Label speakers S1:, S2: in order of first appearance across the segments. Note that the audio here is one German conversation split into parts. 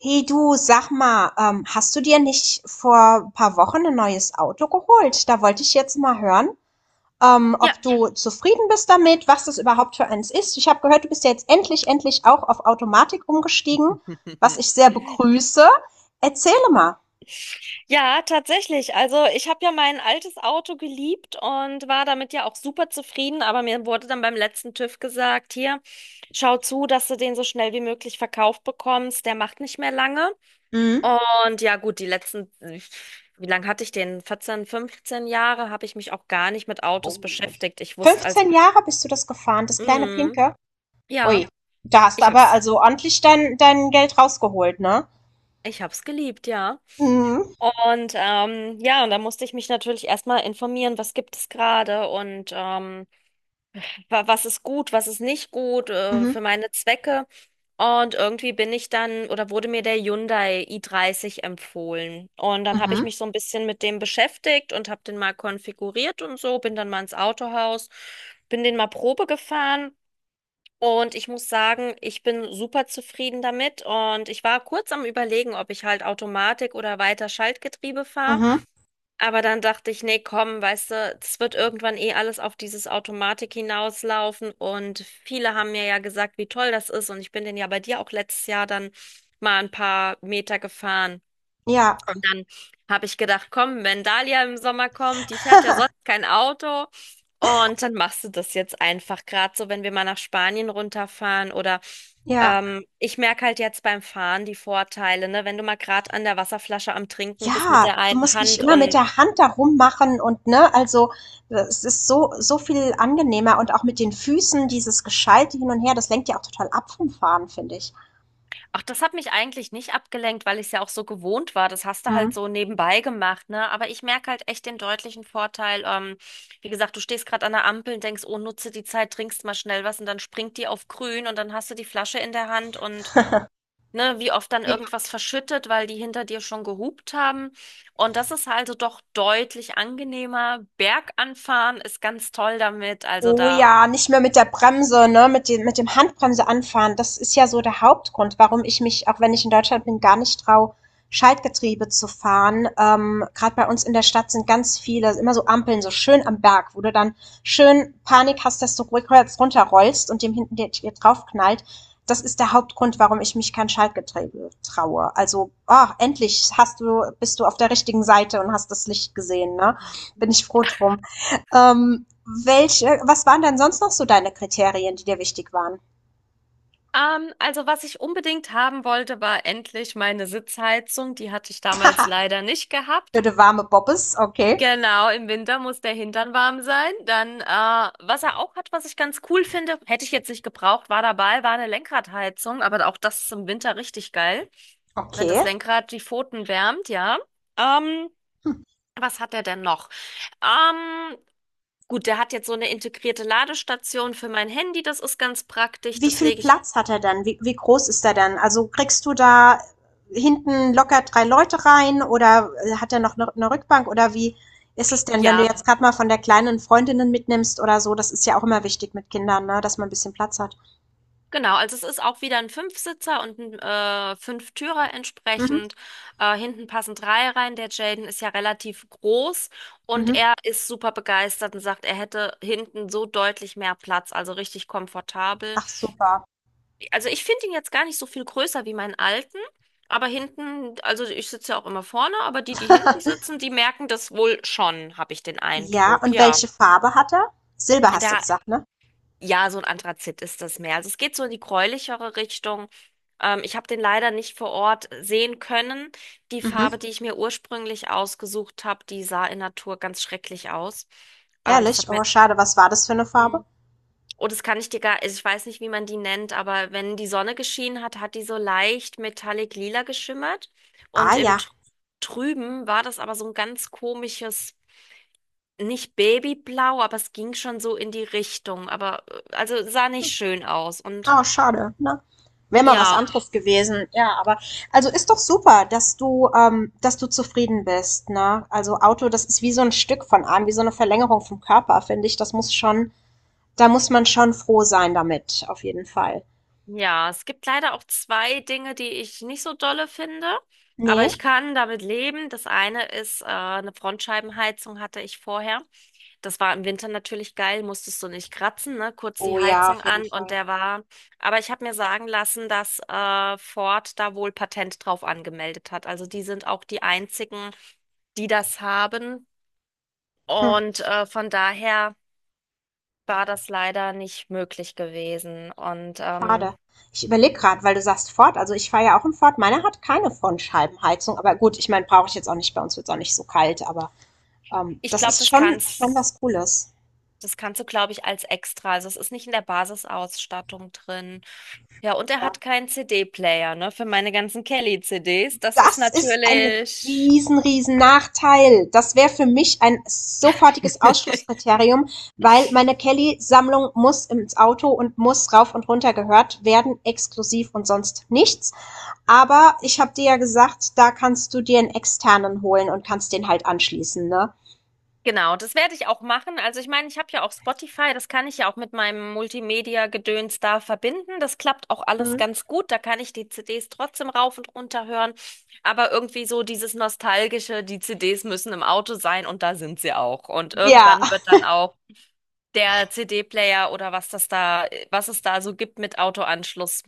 S1: Hey du, sag mal, hast du dir nicht vor ein paar Wochen ein neues Auto geholt? Da wollte ich jetzt mal hören,
S2: Ja.
S1: ob du zufrieden bist damit, was das überhaupt für eins ist. Ich habe gehört, du bist ja jetzt endlich auch auf Automatik umgestiegen, was ich sehr begrüße. Erzähle mal.
S2: Ja, tatsächlich. Also ich habe ja mein altes Auto geliebt und war damit ja auch super zufrieden, aber mir wurde dann beim letzten TÜV gesagt, hier, schau zu, dass du den so schnell wie möglich verkauft bekommst, der macht nicht mehr lange.
S1: Mhm.
S2: Und ja, gut, die letzten, wie lange hatte ich den? 14, 15 Jahre habe ich mich auch gar nicht mit Autos
S1: Oh.
S2: beschäftigt. Ich wusste als,
S1: 15 Jahre bist du das gefahren, das kleine
S2: mm,
S1: Pinke?
S2: ja,
S1: Ui, da hast du
S2: ich
S1: aber
S2: hab's,
S1: also ordentlich dein Geld rausgeholt, ne?
S2: ich hab's geliebt, ja.
S1: Mhm.
S2: Und ja, und da musste ich mich natürlich erstmal informieren, was gibt es gerade und was ist gut, was ist nicht gut
S1: Mhm.
S2: für meine Zwecke. Und irgendwie bin ich dann oder wurde mir der Hyundai i30 empfohlen. Und dann habe ich
S1: Mhm.
S2: mich so ein bisschen mit dem beschäftigt und habe den mal konfiguriert und so, bin dann mal ins Autohaus, bin den mal Probe gefahren. Und ich muss sagen, ich bin super zufrieden damit. Und ich war kurz am Überlegen, ob ich halt Automatik oder weiter Schaltgetriebe fahre.
S1: Mhm.
S2: Aber dann dachte ich, nee, komm, weißt du, es wird irgendwann eh alles auf dieses Automatik hinauslaufen. Und viele haben mir ja gesagt, wie toll das ist. Und ich bin denn ja bei dir auch letztes Jahr dann mal ein paar Meter gefahren.
S1: Ja,
S2: Und dann habe ich gedacht, komm, wenn Dalia im Sommer kommt, die fährt ja sonst kein Auto. Und dann machst du das jetzt einfach gerade so, wenn wir mal nach Spanien runterfahren oder
S1: ja.
S2: ich merke halt jetzt beim Fahren die Vorteile, ne? Wenn du mal gerade an der Wasserflasche am Trinken bist mit
S1: Ja,
S2: der
S1: du
S2: einen
S1: musst nicht
S2: Hand
S1: immer mit
S2: und.
S1: der Hand da rummachen und ne, also es ist so viel angenehmer, und auch mit den Füßen dieses Geschalte hin und her, das lenkt ja auch total ab vom Fahren, finde ich.
S2: Ach, das hat mich eigentlich nicht abgelenkt, weil ich es ja auch so gewohnt war. Das hast du halt
S1: Mhm.
S2: so nebenbei gemacht, ne? Aber ich merke halt echt den deutlichen Vorteil. Wie gesagt, du stehst gerade an der Ampel und denkst, oh, nutze die Zeit, trinkst mal schnell was und dann springt die auf grün und dann hast du die Flasche in der Hand und ne, wie oft dann irgendwas verschüttet, weil die hinter dir schon gehupt haben. Und das ist also doch deutlich angenehmer. Berganfahren ist ganz toll damit. Also
S1: Oh
S2: da.
S1: ja, nicht mehr mit der Bremse, ne, mit dem Handbremse anfahren. Das ist ja so der Hauptgrund, warum ich mich, auch wenn ich in Deutschland bin, gar nicht traue, Schaltgetriebe zu fahren. Gerade bei uns in der Stadt sind ganz viele, immer so Ampeln, so schön am Berg, wo du dann schön Panik hast, dass du rückwärts runterrollst und dem hinten dir draufknallt. Das ist der Hauptgrund, warum ich mich kein Schaltgetriebe traue. Also, ah, endlich hast du, bist du auf der richtigen Seite und hast das Licht gesehen, ne? Bin ich froh drum. Ähm, welche, was waren denn sonst noch so deine Kriterien, die dir wichtig waren?
S2: Also was ich unbedingt haben wollte, war endlich meine Sitzheizung. Die hatte ich damals
S1: Haha,
S2: leider nicht gehabt.
S1: für die warme Bobbes, okay.
S2: Genau, im Winter muss der Hintern warm sein. Dann, was er auch hat, was ich ganz cool finde, hätte ich jetzt nicht gebraucht, war dabei, war eine Lenkradheizung, aber auch das ist im Winter richtig geil, wenn das
S1: Okay.
S2: Lenkrad die Pfoten wärmt, ja. Ähm, Was hat er denn noch? Ähm, gut, der hat jetzt so eine integrierte Ladestation für mein Handy, das ist ganz praktisch,
S1: Wie
S2: das
S1: viel
S2: lege ich.
S1: Platz hat er dann? Wie, wie groß ist er dann? Also kriegst du da hinten locker drei Leute rein oder hat er noch eine Rückbank oder wie ist es denn, wenn du
S2: Ja,
S1: jetzt gerade mal von der kleinen Freundinnen mitnimmst oder so? Das ist ja auch immer wichtig mit Kindern, ne? Dass man ein bisschen Platz hat.
S2: genau, also es ist auch wieder ein Fünfsitzer und ein Fünftürer
S1: Mhm.
S2: entsprechend. Hinten passen drei rein. Der Jaden ist ja relativ groß und
S1: Mhm.
S2: er ist super begeistert und sagt, er hätte hinten so deutlich mehr Platz, also richtig komfortabel.
S1: Ach, super.
S2: Also ich finde ihn jetzt gar nicht so viel größer wie meinen alten, aber hinten, also ich sitze ja auch immer vorne, aber die, die hinten sitzen, die merken das wohl schon, habe ich den
S1: ja,
S2: Eindruck,
S1: und
S2: ja.
S1: welche Farbe hat er? Silber hast du
S2: Da.
S1: gesagt, ne?
S2: Ja, so ein Anthrazit ist das mehr. Also es geht so in die gräulichere Richtung. Ich habe den leider nicht vor Ort sehen können. Die Farbe,
S1: Mhm.
S2: die ich mir ursprünglich ausgesucht habe, die sah in Natur ganz schrecklich aus. Das
S1: Herrlich?
S2: hat mir.
S1: Oh, schade. Was war das für eine Farbe?
S2: Mhm. Oh, das kann ich dir gar, also ich weiß nicht, wie man die nennt, aber wenn die Sonne geschienen hat, hat die so leicht metallic lila geschimmert. Und
S1: Ah
S2: im
S1: ja.
S2: Trüben war das aber so ein ganz komisches, nicht Babyblau, aber es ging schon so in die Richtung. Aber also sah nicht schön aus. Und.
S1: Oh, schade, ne? Wäre mal was
S2: Ja,
S1: anderes gewesen. Ja, aber also, ist doch super, dass du zufrieden bist, ne? Also, Auto, das ist wie so ein Stück von einem, wie so eine Verlängerung vom Körper, finde ich. Das muss schon, da muss man schon froh sein damit, auf jeden Fall.
S2: ja, es gibt leider auch zwei Dinge, die ich nicht so dolle finde, aber
S1: Ne?
S2: ich kann damit leben. Das eine ist, eine Frontscheibenheizung hatte ich vorher. Das war im Winter natürlich geil, musstest du nicht kratzen, ne? Kurz
S1: Oh
S2: die
S1: ja,
S2: Heizung
S1: auf jeden
S2: an und
S1: Fall.
S2: der war. Aber ich habe mir sagen lassen, dass Ford da wohl Patent drauf angemeldet hat. Also die sind auch die einzigen, die das haben.
S1: Hm,
S2: Und von daher war das leider nicht möglich gewesen. Und
S1: schade. Ich überlege gerade, weil du sagst Ford. Also, ich fahre ja auch im Ford. Meiner hat keine Frontscheibenheizung, aber gut, ich meine, brauche ich jetzt auch nicht. Bei uns wird es auch nicht so kalt, aber ähm,
S2: ich
S1: das
S2: glaube,
S1: ist
S2: das
S1: schon
S2: kannst,
S1: was Cooles.
S2: das kannst du, glaube ich, als extra. Also es ist nicht in der Basisausstattung drin. Ja, und er hat
S1: Ja.
S2: keinen CD-Player, ne, für meine ganzen Kelly-CDs. Das ist
S1: Das ist ein
S2: natürlich.
S1: riesen Nachteil. Das wäre für mich ein sofortiges Ausschlusskriterium, weil meine Kelly-Sammlung muss ins Auto und muss rauf und runter gehört werden, exklusiv und sonst nichts. Aber ich habe dir ja gesagt, da kannst du dir einen externen holen und kannst den halt anschließen, ne?
S2: Genau, das werde ich auch machen. Also ich meine, ich habe ja auch Spotify, das kann ich ja auch mit meinem Multimedia-Gedöns da verbinden. Das klappt auch alles
S1: Mhm.
S2: ganz gut. Da kann ich die CDs trotzdem rauf und runter hören. Aber irgendwie so dieses Nostalgische, die CDs müssen im Auto sein und da sind sie auch. Und
S1: Ja.
S2: irgendwann wird dann auch der CD-Player oder was das da, was es da so gibt mit Autoanschluss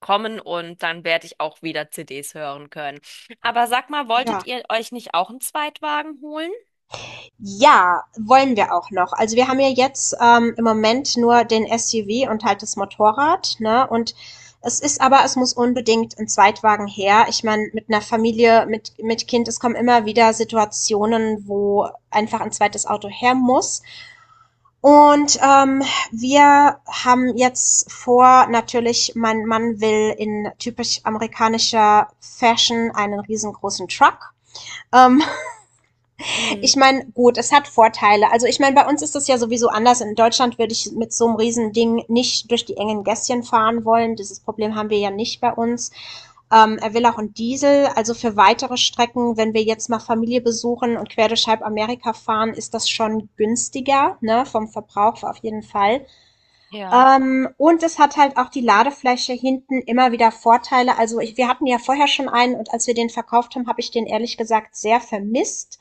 S2: kommen und dann werde ich auch wieder CDs hören können. Aber sag mal, wolltet
S1: Ja.
S2: ihr euch nicht auch einen Zweitwagen holen?
S1: Ja, wollen wir auch noch. Also wir haben ja jetzt im Moment nur den SUV und halt das Motorrad, ne? Und es ist aber, es muss unbedingt ein Zweitwagen her. Ich meine, mit einer Familie, mit Kind, es kommen immer wieder Situationen, wo einfach ein zweites Auto her muss. Und wir haben jetzt vor, natürlich, mein Mann will in typisch amerikanischer Fashion einen riesengroßen Truck. Ähm,
S2: Hm,
S1: ich meine, gut, es hat Vorteile. Also ich meine, bei uns ist das ja sowieso anders. In Deutschland würde ich mit so einem Riesending nicht durch die engen Gässchen fahren wollen. Dieses Problem haben wir ja nicht bei uns. Er will auch einen Diesel. Also für weitere Strecken, wenn wir jetzt mal Familie besuchen und quer durch halb Amerika fahren, ist das schon günstiger, ne, vom Verbrauch auf jeden Fall.
S2: ja.
S1: Und es hat halt auch die Ladefläche hinten immer wieder Vorteile. Also ich, wir hatten ja vorher schon einen, und als wir den verkauft haben, habe ich den ehrlich gesagt sehr vermisst.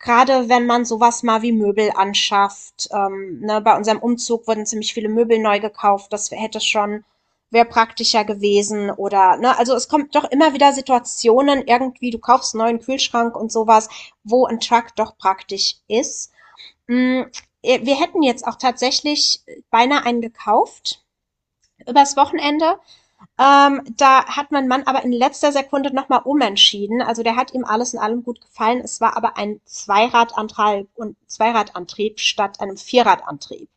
S1: Gerade wenn man sowas mal wie Möbel anschafft. Ne, bei unserem Umzug wurden ziemlich viele Möbel neu gekauft. Das hätte schon, wäre praktischer gewesen. Oder, ne, also es kommt doch immer wieder Situationen, irgendwie, du kaufst einen neuen Kühlschrank und sowas, wo ein Truck doch praktisch ist. Mm, Wir hätten jetzt auch tatsächlich beinahe einen gekauft übers Wochenende. Da hat mein Mann aber in letzter Sekunde nochmal umentschieden. Also der hat ihm alles in allem gut gefallen. Es war aber ein Zweiradantrieb, statt einem Vierradantrieb.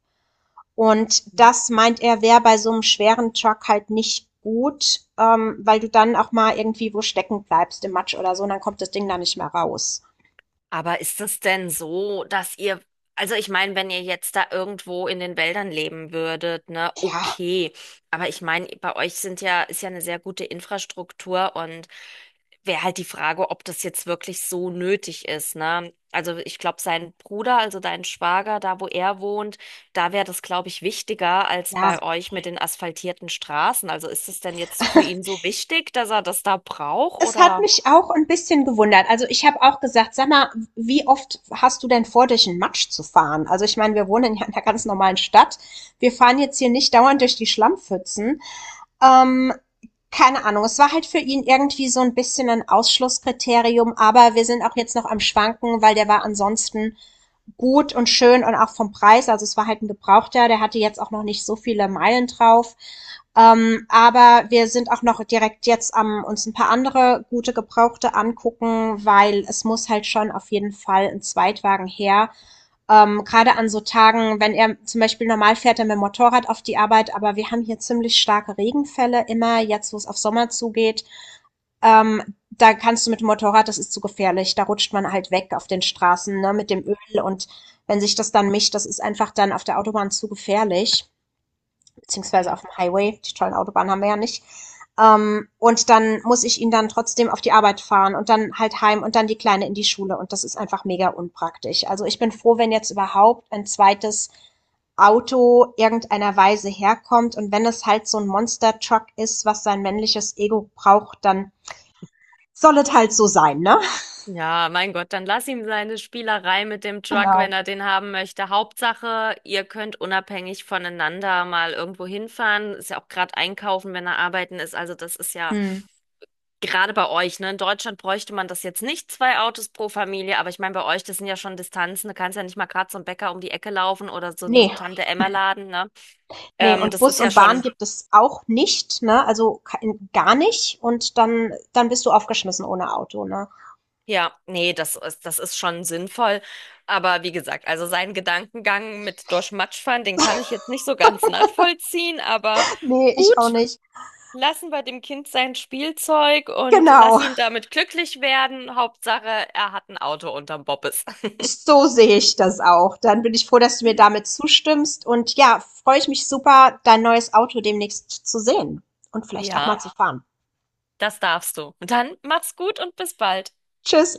S1: Und
S2: Hm.
S1: das meint er, wäre bei so einem schweren Truck halt nicht gut, weil du dann auch mal irgendwie wo stecken bleibst im Matsch oder so, und dann kommt das Ding da nicht mehr raus.
S2: Aber ist es denn so, dass ihr, also ich meine, wenn ihr jetzt da irgendwo in den Wäldern leben würdet, ne,
S1: Ja,
S2: okay. Aber ich meine, bei euch sind ja, ist ja eine sehr gute Infrastruktur und wäre halt die Frage, ob das jetzt wirklich so nötig ist, ne? Also ich glaube, sein Bruder, also dein Schwager, da wo er wohnt, da wäre das, glaube ich, wichtiger als
S1: ja,
S2: bei euch mit den asphaltierten Straßen. Also ist es denn jetzt für ihn so wichtig, dass er das da braucht
S1: es hat
S2: oder?
S1: mich auch ein bisschen gewundert. Also ich habe auch gesagt, sag mal, wie oft hast du denn vor, durch den Matsch zu fahren? Also ich meine, wir wohnen ja in einer ganz normalen Stadt. Wir fahren jetzt hier nicht dauernd durch die Schlammpfützen. Ähm, keine Ahnung, es war halt für ihn irgendwie so ein bisschen ein Ausschlusskriterium, aber wir sind auch jetzt noch am Schwanken, weil der war ansonsten gut und schön und auch vom Preis, also es war halt ein Gebrauchter, der hatte jetzt auch noch nicht so viele Meilen drauf. Aber wir sind auch noch direkt jetzt am uns ein paar andere gute Gebrauchte angucken, weil es muss halt schon auf jeden Fall ein Zweitwagen her. Gerade an so Tagen, wenn er zum Beispiel normal fährt dann mit dem Motorrad auf die Arbeit, aber wir haben hier ziemlich starke Regenfälle immer, jetzt wo es auf Sommer zugeht. Ähm, da kannst du mit dem Motorrad, das ist zu gefährlich, da rutscht man halt weg auf den Straßen, ne, mit dem Öl, und wenn sich das dann mischt, das ist einfach dann auf der Autobahn zu gefährlich beziehungsweise auf
S2: Ja.
S1: dem Highway, die tollen Autobahnen haben wir ja nicht. Und dann muss ich ihn dann trotzdem auf die Arbeit fahren und dann halt heim und dann die Kleine in die Schule. Und das ist einfach mega unpraktisch. Also ich bin froh, wenn jetzt überhaupt ein zweites Auto irgendeiner Weise herkommt. Und wenn es halt so ein Monster-Truck ist, was sein männliches Ego braucht, dann soll es halt so
S2: Mhm.
S1: sein, ne?
S2: Mhm. Ja, mein Gott, dann lass ihm seine Spielerei mit dem Truck, wenn
S1: Genau.
S2: er den haben möchte. Hauptsache, ihr könnt unabhängig voneinander mal irgendwo hinfahren. Ist ja auch gerade einkaufen, wenn er arbeiten ist. Also das ist ja.
S1: Hm.
S2: Gerade bei euch, ne? In Deutschland bräuchte man das jetzt nicht, zwei Autos pro Familie, aber ich meine, bei euch, das sind ja schon Distanzen, du kannst ja nicht mal gerade zum Bäcker um die Ecke laufen oder so
S1: Nee.
S2: einem Tante-Emma-Laden, ne?
S1: Ne, und
S2: Das
S1: Bus
S2: ist ja
S1: und Bahn
S2: schon,
S1: gibt es auch nicht, ne? Also kein- gar nicht. Und dann, dann bist du aufgeschmissen ohne Auto, ne?
S2: ja, nee, das ist schon sinnvoll. Aber wie gesagt, also seinen Gedankengang mit durch Matsch fahren, den kann ich jetzt nicht so ganz nachvollziehen, aber
S1: Nee, ich auch
S2: gut,
S1: nicht.
S2: lassen wir dem Kind sein Spielzeug und
S1: Genau.
S2: lass ihn damit glücklich werden. Hauptsache, er hat ein Auto unterm Bobbes.
S1: So sehe ich das auch. Dann bin ich froh, dass du mir damit zustimmst. Und ja, freue ich mich super, dein neues Auto demnächst zu sehen und vielleicht auch mal
S2: Ja.
S1: zu fahren.
S2: Das darfst du. Und dann mach's gut und bis bald.
S1: Tschüss.